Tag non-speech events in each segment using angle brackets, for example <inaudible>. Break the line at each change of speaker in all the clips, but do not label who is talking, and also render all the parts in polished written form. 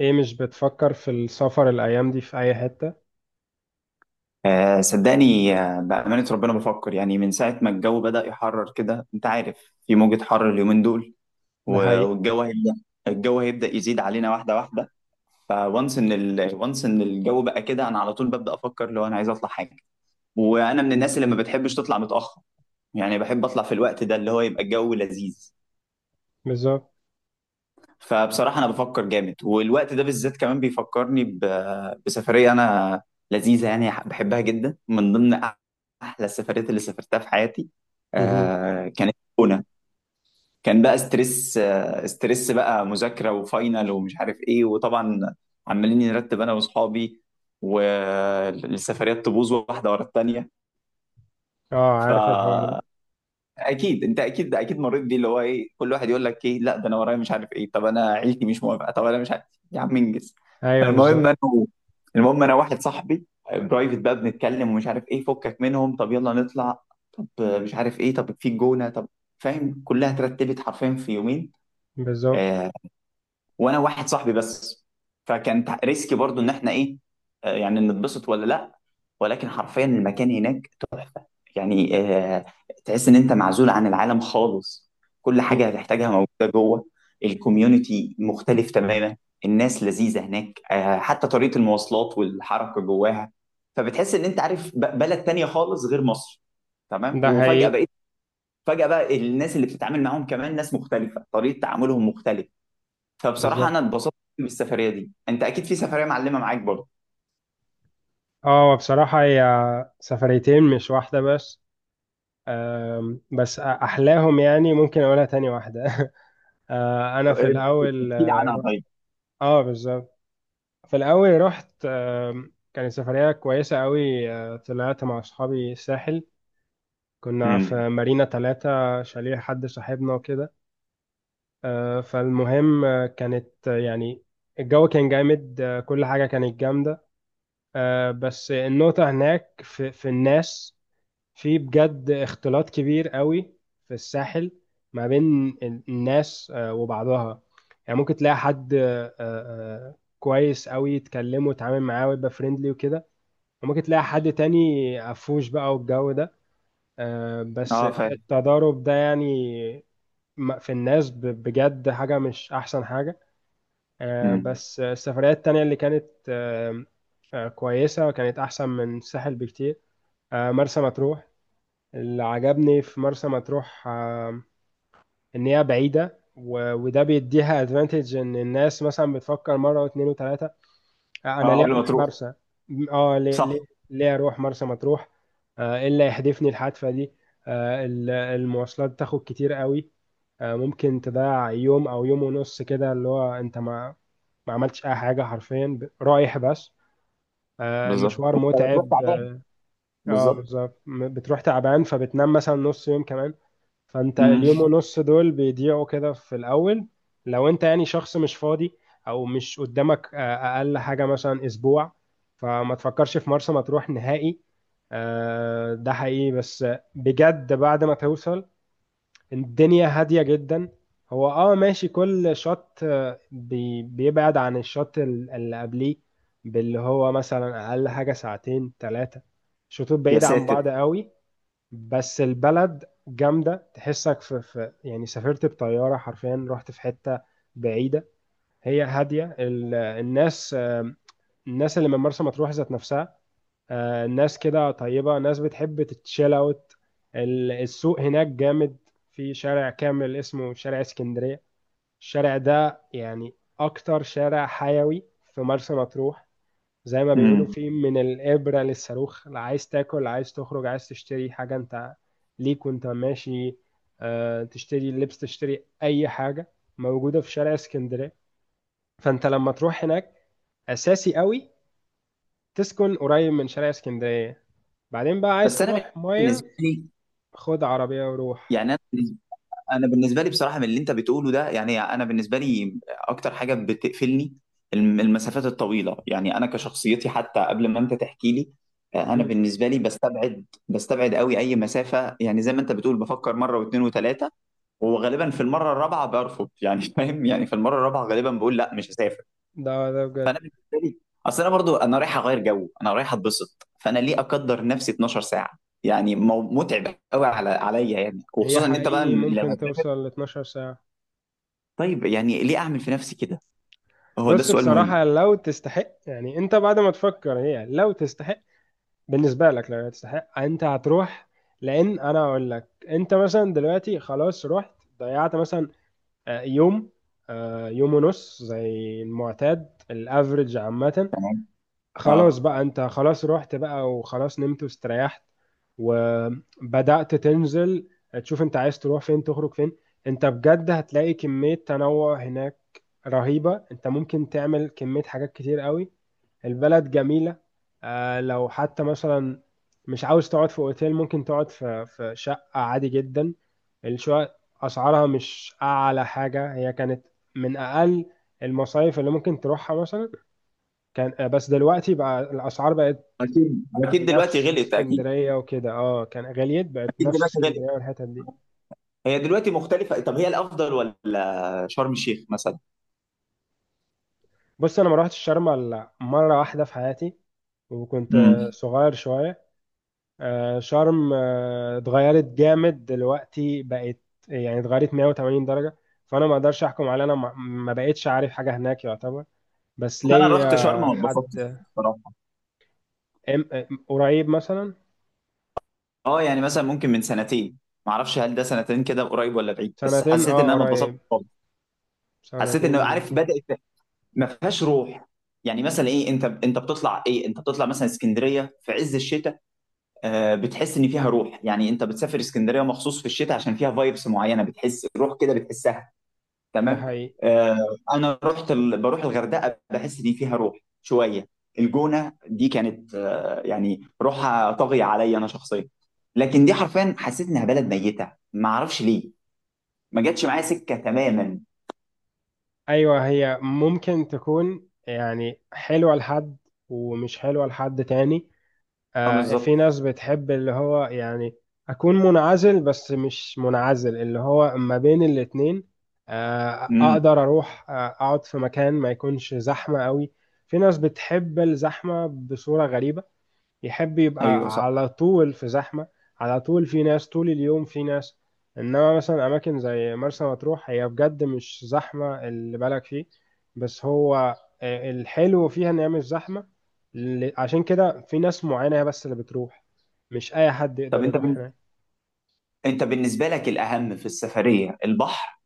ايه مش بتفكر في السفر الايام دي في اي حتة؟
آه، صدقني، بأمانة ربنا بفكر يعني من ساعة ما الجو بدأ يحرر كده. أنت عارف في موجة حر اليومين دول.
ده
و-
حقيقي.
والجو هيبدأ الجو هيبدأ يزيد علينا واحدة واحدة. وانس إن الجو بقى كده، أنا على طول ببدأ أفكر لو أنا عايز أطلع حاجة. وأنا من الناس اللي ما بتحبش تطلع متأخر. يعني بحب أطلع في الوقت ده اللي هو يبقى الجو لذيذ.
بالظبط.
فبصراحة أنا بفكر جامد، والوقت ده بالذات كمان بيفكرني بسفرية أنا لذيذة، يعني بحبها جدا، من ضمن أحلى السفريات اللي سافرتها في حياتي.
مهم.
آه كانت هنا. كان بقى ستريس، بقى مذاكرة وفاينل ومش عارف إيه، وطبعا عمالين نرتب أنا وأصحابي، والسفريات تبوظ واحدة ورا التانية.
اه،
ف
عارف الحوار ده.
اكيد انت، اكيد مريت بيه، اللي هو ايه، كل واحد يقول لك ايه، لا ده انا ورايا مش عارف ايه، طب انا عيلتي مش موافقه، طب انا مش عارف، يا عم انجز.
ايوه
فالمهم
بالظبط.
انا المهم انا واحد صاحبي، برايفت بقى بنتكلم ومش عارف ايه، فكك منهم طب يلا نطلع، طب مش عارف ايه، طب في جونه، طب فاهم، كلها اترتبت حرفيا في يومين.
بالظبط.
آه، وانا واحد صاحبي بس. فكان ريسكي برضو ان احنا ايه، يعني نتبسط ولا لا. ولكن حرفيا المكان هناك تحفه. يعني، تحس ان انت معزول عن العالم خالص. كل حاجه هتحتاجها موجوده جوه. الكوميونتي مختلف تماما. الناس لذيذه هناك، حتى طريقه المواصلات والحركه جواها. فبتحس ان انت عارف بلد تانية خالص غير مصر. تمام.
ده
وفجاه
حقيقي.
بقيت فجاه بقى الناس اللي بتتعامل معاهم كمان ناس مختلفه، طريقه تعاملهم مختلفه. فبصراحة
بالظبط.
أنا اتبسطت بالسفرية دي. أنت أكيد في سفرية معلمة معاك برضه.
اه بصراحة هي سفريتين مش واحدة بس. بس احلاهم، يعني ممكن اقولها، تاني واحدة <laughs> انا في الاول
احكي لي عنها
رحت.
طيب.
اه بالظبط. في الاول رحت، كانت سفرية كويسة قوي. طلعت مع اصحابي الساحل، كنا
امم.
في مارينا ثلاثة، شاليه حد صاحبنا وكده. فالمهم كانت يعني الجو كان جامد، كل حاجة كانت جامدة. بس النقطة هناك في الناس، في بجد اختلاط كبير قوي في الساحل ما بين الناس وبعضها. يعني ممكن تلاقي حد كويس قوي تكلمه وتعامل معاه ويبقى فريندلي وكده، وممكن تلاقي حد تاني قفوش بقى والجو ده. بس
أه، فاهم.
التضارب ده يعني في الناس بجد حاجة مش أحسن حاجة.
امم.
بس السفريات التانية اللي كانت آه، كويسة، وكانت أحسن من الساحل بكتير. مرسى مطروح. اللي عجبني في مرسى مطروح إن هي بعيدة، وده بيديها ادفانتج، إن الناس مثلا بتفكر مرة واتنين وتلاتة، انا
أه،
ليه
قبل ما
اروح
تروح.
مرسى؟ اه ليه
صح.
ليه ليه اروح مرسى مطروح؟ آه إيه اللي يحدفني الحادثه دي؟ آه، المواصلات تاخد كتير قوي. آه، ممكن تضيع يوم او يوم ونص كده، اللي هو انت ما عملتش اي حاجه حرفيا، رايح بس. آه
بالظبط.
المشوار
أنا تروح
متعب.
تعبان.
اه
بالظبط.
بالظبط، بتروح تعبان فبتنام مثلا نص يوم كمان، فانت اليوم
امم.
ونص دول بيضيعوا كده في الاول. لو انت يعني شخص مش فاضي، او مش قدامك اقل حاجه مثلا اسبوع، فما تفكرش في مرسى مطروح نهائي. ده حقيقي، بس بجد بعد ما توصل الدنيا هاديه جدا. هو اه ماشي، كل شط بيبعد عن الشط اللي قبليه، باللي هو مثلا اقل حاجه ساعتين ثلاثه. شطوط
يا
بعيده عن
ساتر.
بعض قوي، بس البلد جامدة، تحسك في يعني سافرت بطيارة حرفيا، رحت في حتة بعيدة، هي هادية. الناس الناس اللي من مرسى مطروح ذات نفسها، الناس كده طيبة، ناس بتحب تتشيل اوت. السوق هناك جامد، في شارع كامل اسمه شارع اسكندرية. الشارع ده يعني أكتر شارع حيوي في مرسى مطروح، زي ما بيقولوا
امم.
في من الإبرة للصاروخ. لا عايز تاكل، عايز تخرج، عايز تشتري حاجة، انت ليك وانت ماشي. تشتري لبس، تشتري أي حاجة موجودة في شارع اسكندرية. فانت لما تروح هناك أساسي قوي تسكن قريب من شارع اسكندرية. بعدين بقى عايز
بس أنا
تروح مية،
بالنسبة لي،
خد عربية وروح.
يعني انا بالنسبه لي بصراحه من اللي انت بتقوله ده، يعني انا بالنسبه لي اكتر حاجه بتقفلني المسافات الطويله، يعني انا كشخصيتي حتى قبل ما انت تحكي لي. انا
مهم.
بالنسبه لي بستبعد قوي اي مسافه، يعني زي ما انت بتقول بفكر مره واثنين وثلاثه. وغالبا في المره الرابعه برفض يعني. <laughs> فاهم، يعني في المره الرابعه غالبا بقول لا مش هسافر.
ده ده بجد.
بالتالي- اصل انا برضو، انا رايح اغير جو، انا رايح اتبسط، فانا ليه اقدر نفسي 12 ساعه؟ يعني متعب قوي على عليا يعني،
هي
وخصوصا ان انت بقى
حقيقي ممكن
لما.
توصل ل 12 ساعة.
طيب يعني ليه اعمل في نفسي كده؟ هو ده
بص
السؤال
بصراحة
مهم.
لو تستحق، يعني انت بعد ما تفكر هي لو تستحق بالنسبة لك، لو تستحق انت هتروح. لان انا اقول لك، انت مثلا دلوقتي خلاص رحت، ضيعت مثلا يوم، يوم ونص زي المعتاد الافريج عامة.
تمام.
خلاص
اه،
بقى انت خلاص رحت بقى، وخلاص نمت واستريحت وبدأت تنزل، تشوف انت عايز تروح فين، تخرج فين. انت بجد هتلاقي كمية تنوع هناك رهيبة، انت ممكن تعمل كمية حاجات كتير قوي. البلد جميلة. لو حتى مثلا مش عاوز تقعد في اوتيل، ممكن تقعد في شقة عادي جدا. الشقق أسعارها مش أعلى حاجة، هي كانت من أقل المصايف اللي ممكن تروحها مثلا، كان بس دلوقتي بقى الأسعار بقت
اكيد اكيد دلوقتي
نفس
غلط. اكيد،
اسكندرية وكده. اه كان غليت، بقت
اكيد
نفس
دلوقتي غلط.
اسكندرية والحتت دي.
هي دلوقتي مختلفه. طب هي الافضل ولا شرم الشيخ مثلا؟
بص أنا ما روحتش شرم إلا مرة واحدة في حياتي، وكنت
امم.
صغير شوية. شرم اتغيرت جامد دلوقتي، بقت يعني اتغيرت 180 درجة. فأنا ما أقدرش أحكم على، أنا ما بقتش عارف حاجة هناك يعتبر. بس
انا رحت شرم
ليا
ما اتبسطتش
حد
بصراحه.
قريب مثلا.
اه، يعني مثلا ممكن من سنتين. ما اعرفش هل ده سنتين كده قريب ولا بعيد، بس
سنتين
حسيت ان
اه
انا ما اتبسطتش
قريب.
خالص. حسيت انه
سنتين.
عارف بدات ما فيهاش روح. يعني مثلا ايه، انت بتطلع مثلا اسكندريه في عز الشتاء. بتحس ان فيها روح، يعني انت بتسافر اسكندريه مخصوص في الشتاء عشان فيها فايبس معينه، بتحس روح كده بتحسها.
ده
تمام.
حقيقي.
آه، انا بروح الغردقه، بحس ان فيها روح شويه. الجونه دي كانت، يعني روحها طاغيه عليا انا شخصيا. لكن دي حرفيا حسيت انها بلد ميته، ما اعرفش ليه. ما جاتش معايا سكه تماما.
أيوة هي ممكن تكون يعني حلوة لحد، ومش حلوة لحد تاني.
اه
في
بالظبط.
ناس بتحب اللي هو يعني أكون منعزل، بس مش منعزل، اللي هو ما بين الاتنين.
امم.
أقدر أروح أقعد في مكان ما يكونش زحمة قوي. في ناس بتحب الزحمة بصورة غريبة، يحب
ايوه
يبقى
صح.
على طول في زحمة، على طول في ناس طول اليوم في ناس. انما مثلا اماكن زي مرسى مطروح هي بجد مش زحمة اللي بالك فيه، بس هو الحلو فيها ان هي مش زحمة. عشان كده في ناس معينة هي بس اللي بتروح، مش اي حد
طب
يقدر
انت
يروح
بن...
هناك.
انت بالنسبه لك الاهم في السفريه البحر،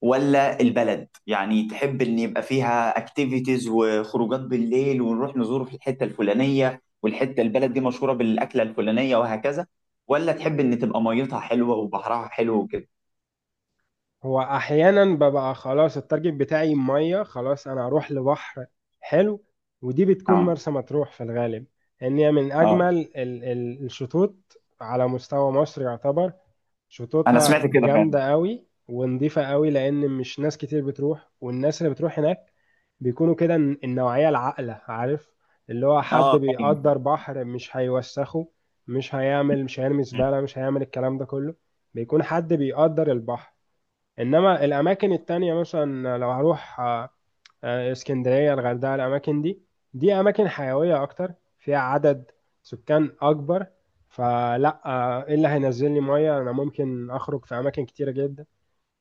ولا البلد، يعني تحب ان يبقى فيها اكتيفيتيز وخروجات بالليل ونروح نزور في الحته الفلانيه، والحته البلد دي مشهوره بالاكله الفلانيه وهكذا، ولا تحب ان تبقى ميتها حلوه وبحرها حلو وكده؟
هو احيانا ببقى خلاص التارجت بتاعي ميه، خلاص انا هروح لبحر حلو، ودي بتكون
اه.
مرسى مطروح في الغالب. لان هي من
اه،
اجمل الشطوط على مستوى مصر يعتبر.
انا
شطوطها
سمعت كده فعلا.
جامده قوي ونضيفه قوي، لان مش ناس كتير بتروح، والناس اللي بتروح هناك بيكونوا كده النوعيه العاقله، عارف، اللي هو حد
اه، فاهم.
بيقدر بحر، مش هيوسخه، مش هيرمي زباله، مش هيعمل الكلام ده كله، بيكون حد بيقدر البحر. انما الاماكن التانية مثلا لو هروح اسكندرية، الغردقة، الاماكن دي، دي اماكن حيوية اكتر، فيها عدد سكان اكبر. فلا ايه اللي هينزل لي مية؟ انا ممكن اخرج في اماكن كتيرة جدا،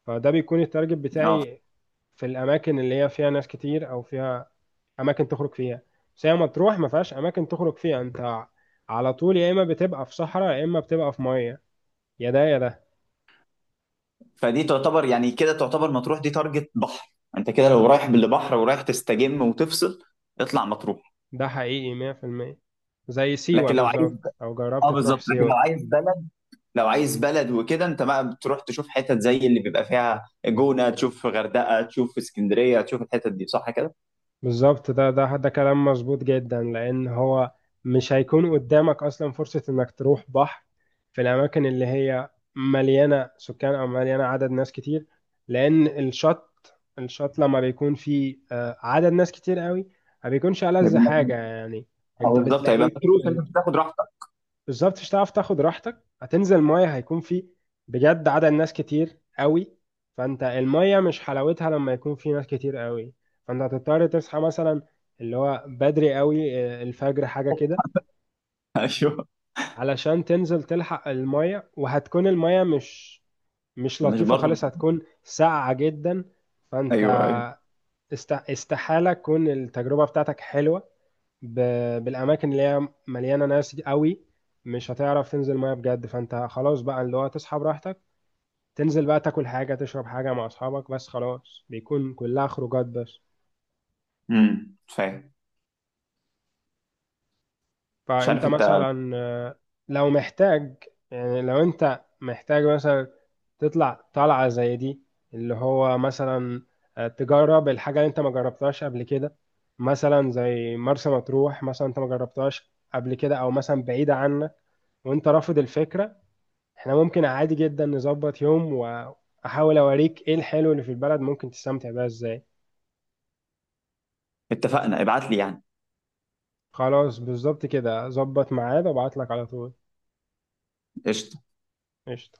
فده بيكون التارجت
اه،
بتاعي في الاماكن اللي هي فيها ناس كتير، او فيها اماكن تخرج فيها. بس هي مطروح ما فيهاش اماكن تخرج فيها، انت على طول يا اما بتبقى في صحراء يا اما بتبقى في مية، يا ده يا ده.
فدي تعتبر يعني كده، تعتبر مطروح دي تارجت بحر. انت كده لو رايح بالبحر ورايح تستجم وتفصل اطلع مطروح.
ده حقيقي 100%. زي سيوة
لكن لو عايز
بالظبط لو جربت
اه
تروح
بالظبط، لكن لو
سيوة.
عايز بلد لو عايز بلد وكده انت بقى بتروح تشوف حتت زي اللي بيبقى فيها جونة، تشوف غردقة، تشوف اسكندرية، تشوف الحتت دي، صح كده؟
بالظبط ده ده ده كلام مظبوط جدا، لأن هو مش هيكون قدامك أصلا فرصة إنك تروح بحر في الأماكن اللي هي مليانة سكان أو مليانة عدد ناس كتير، لأن الشط لما بيكون فيه عدد ناس كتير قوي، ما بيكونش ألذ
يبقى
حاجة
مطروح.
يعني.
او
أنت
بالظبط هيبقى
بتلاقيك
متروس، انت مش هتاخد راحتك.
بالظبط مش هتعرف تاخد راحتك، هتنزل ميه هيكون في بجد عدد ناس كتير قوي، فانت الميه مش حلاوتها لما يكون في ناس كتير قوي. فانت هتضطر تصحى مثلا اللي هو بدري قوي، الفجر حاجه كده
<laughs> ايوه.
علشان تنزل تلحق الميه، وهتكون الميه مش
مش
لطيفه
برضه.
خالص، هتكون ساقعه جدا. فانت
ايوه، ايوه.
استحاله تكون التجربه بتاعتك حلوه بالاماكن اللي هي مليانه ناس قوي، مش هتعرف تنزل ميه بجد. فانت خلاص بقى اللي هو تصحى براحتك، تنزل بقى تاكل حاجه تشرب حاجه مع اصحابك بس، خلاص بيكون كلها خروجات بس.
امم، فاهم. مش
فانت
عارف انت.
مثلا لو محتاج، يعني لو انت محتاج مثلا تطلع طلعه زي دي، اللي هو مثلا تجرب الحاجه اللي انت ما جربتهاش قبل كده، مثلا زي مرسى مطروح، مثلا انت ما جربتهاش قبل كده، او مثلا بعيده عنك وانت رافض الفكره، احنا ممكن عادي جدا نظبط يوم واحاول اوريك ايه الحلو اللي في البلد ممكن تستمتع بيها ازاي.
اتفقنا، ابعت لي يعني.
خلاص بالظبط كده، ظبط ميعاد وابعت لك على طول.
قشطة.
قشطة.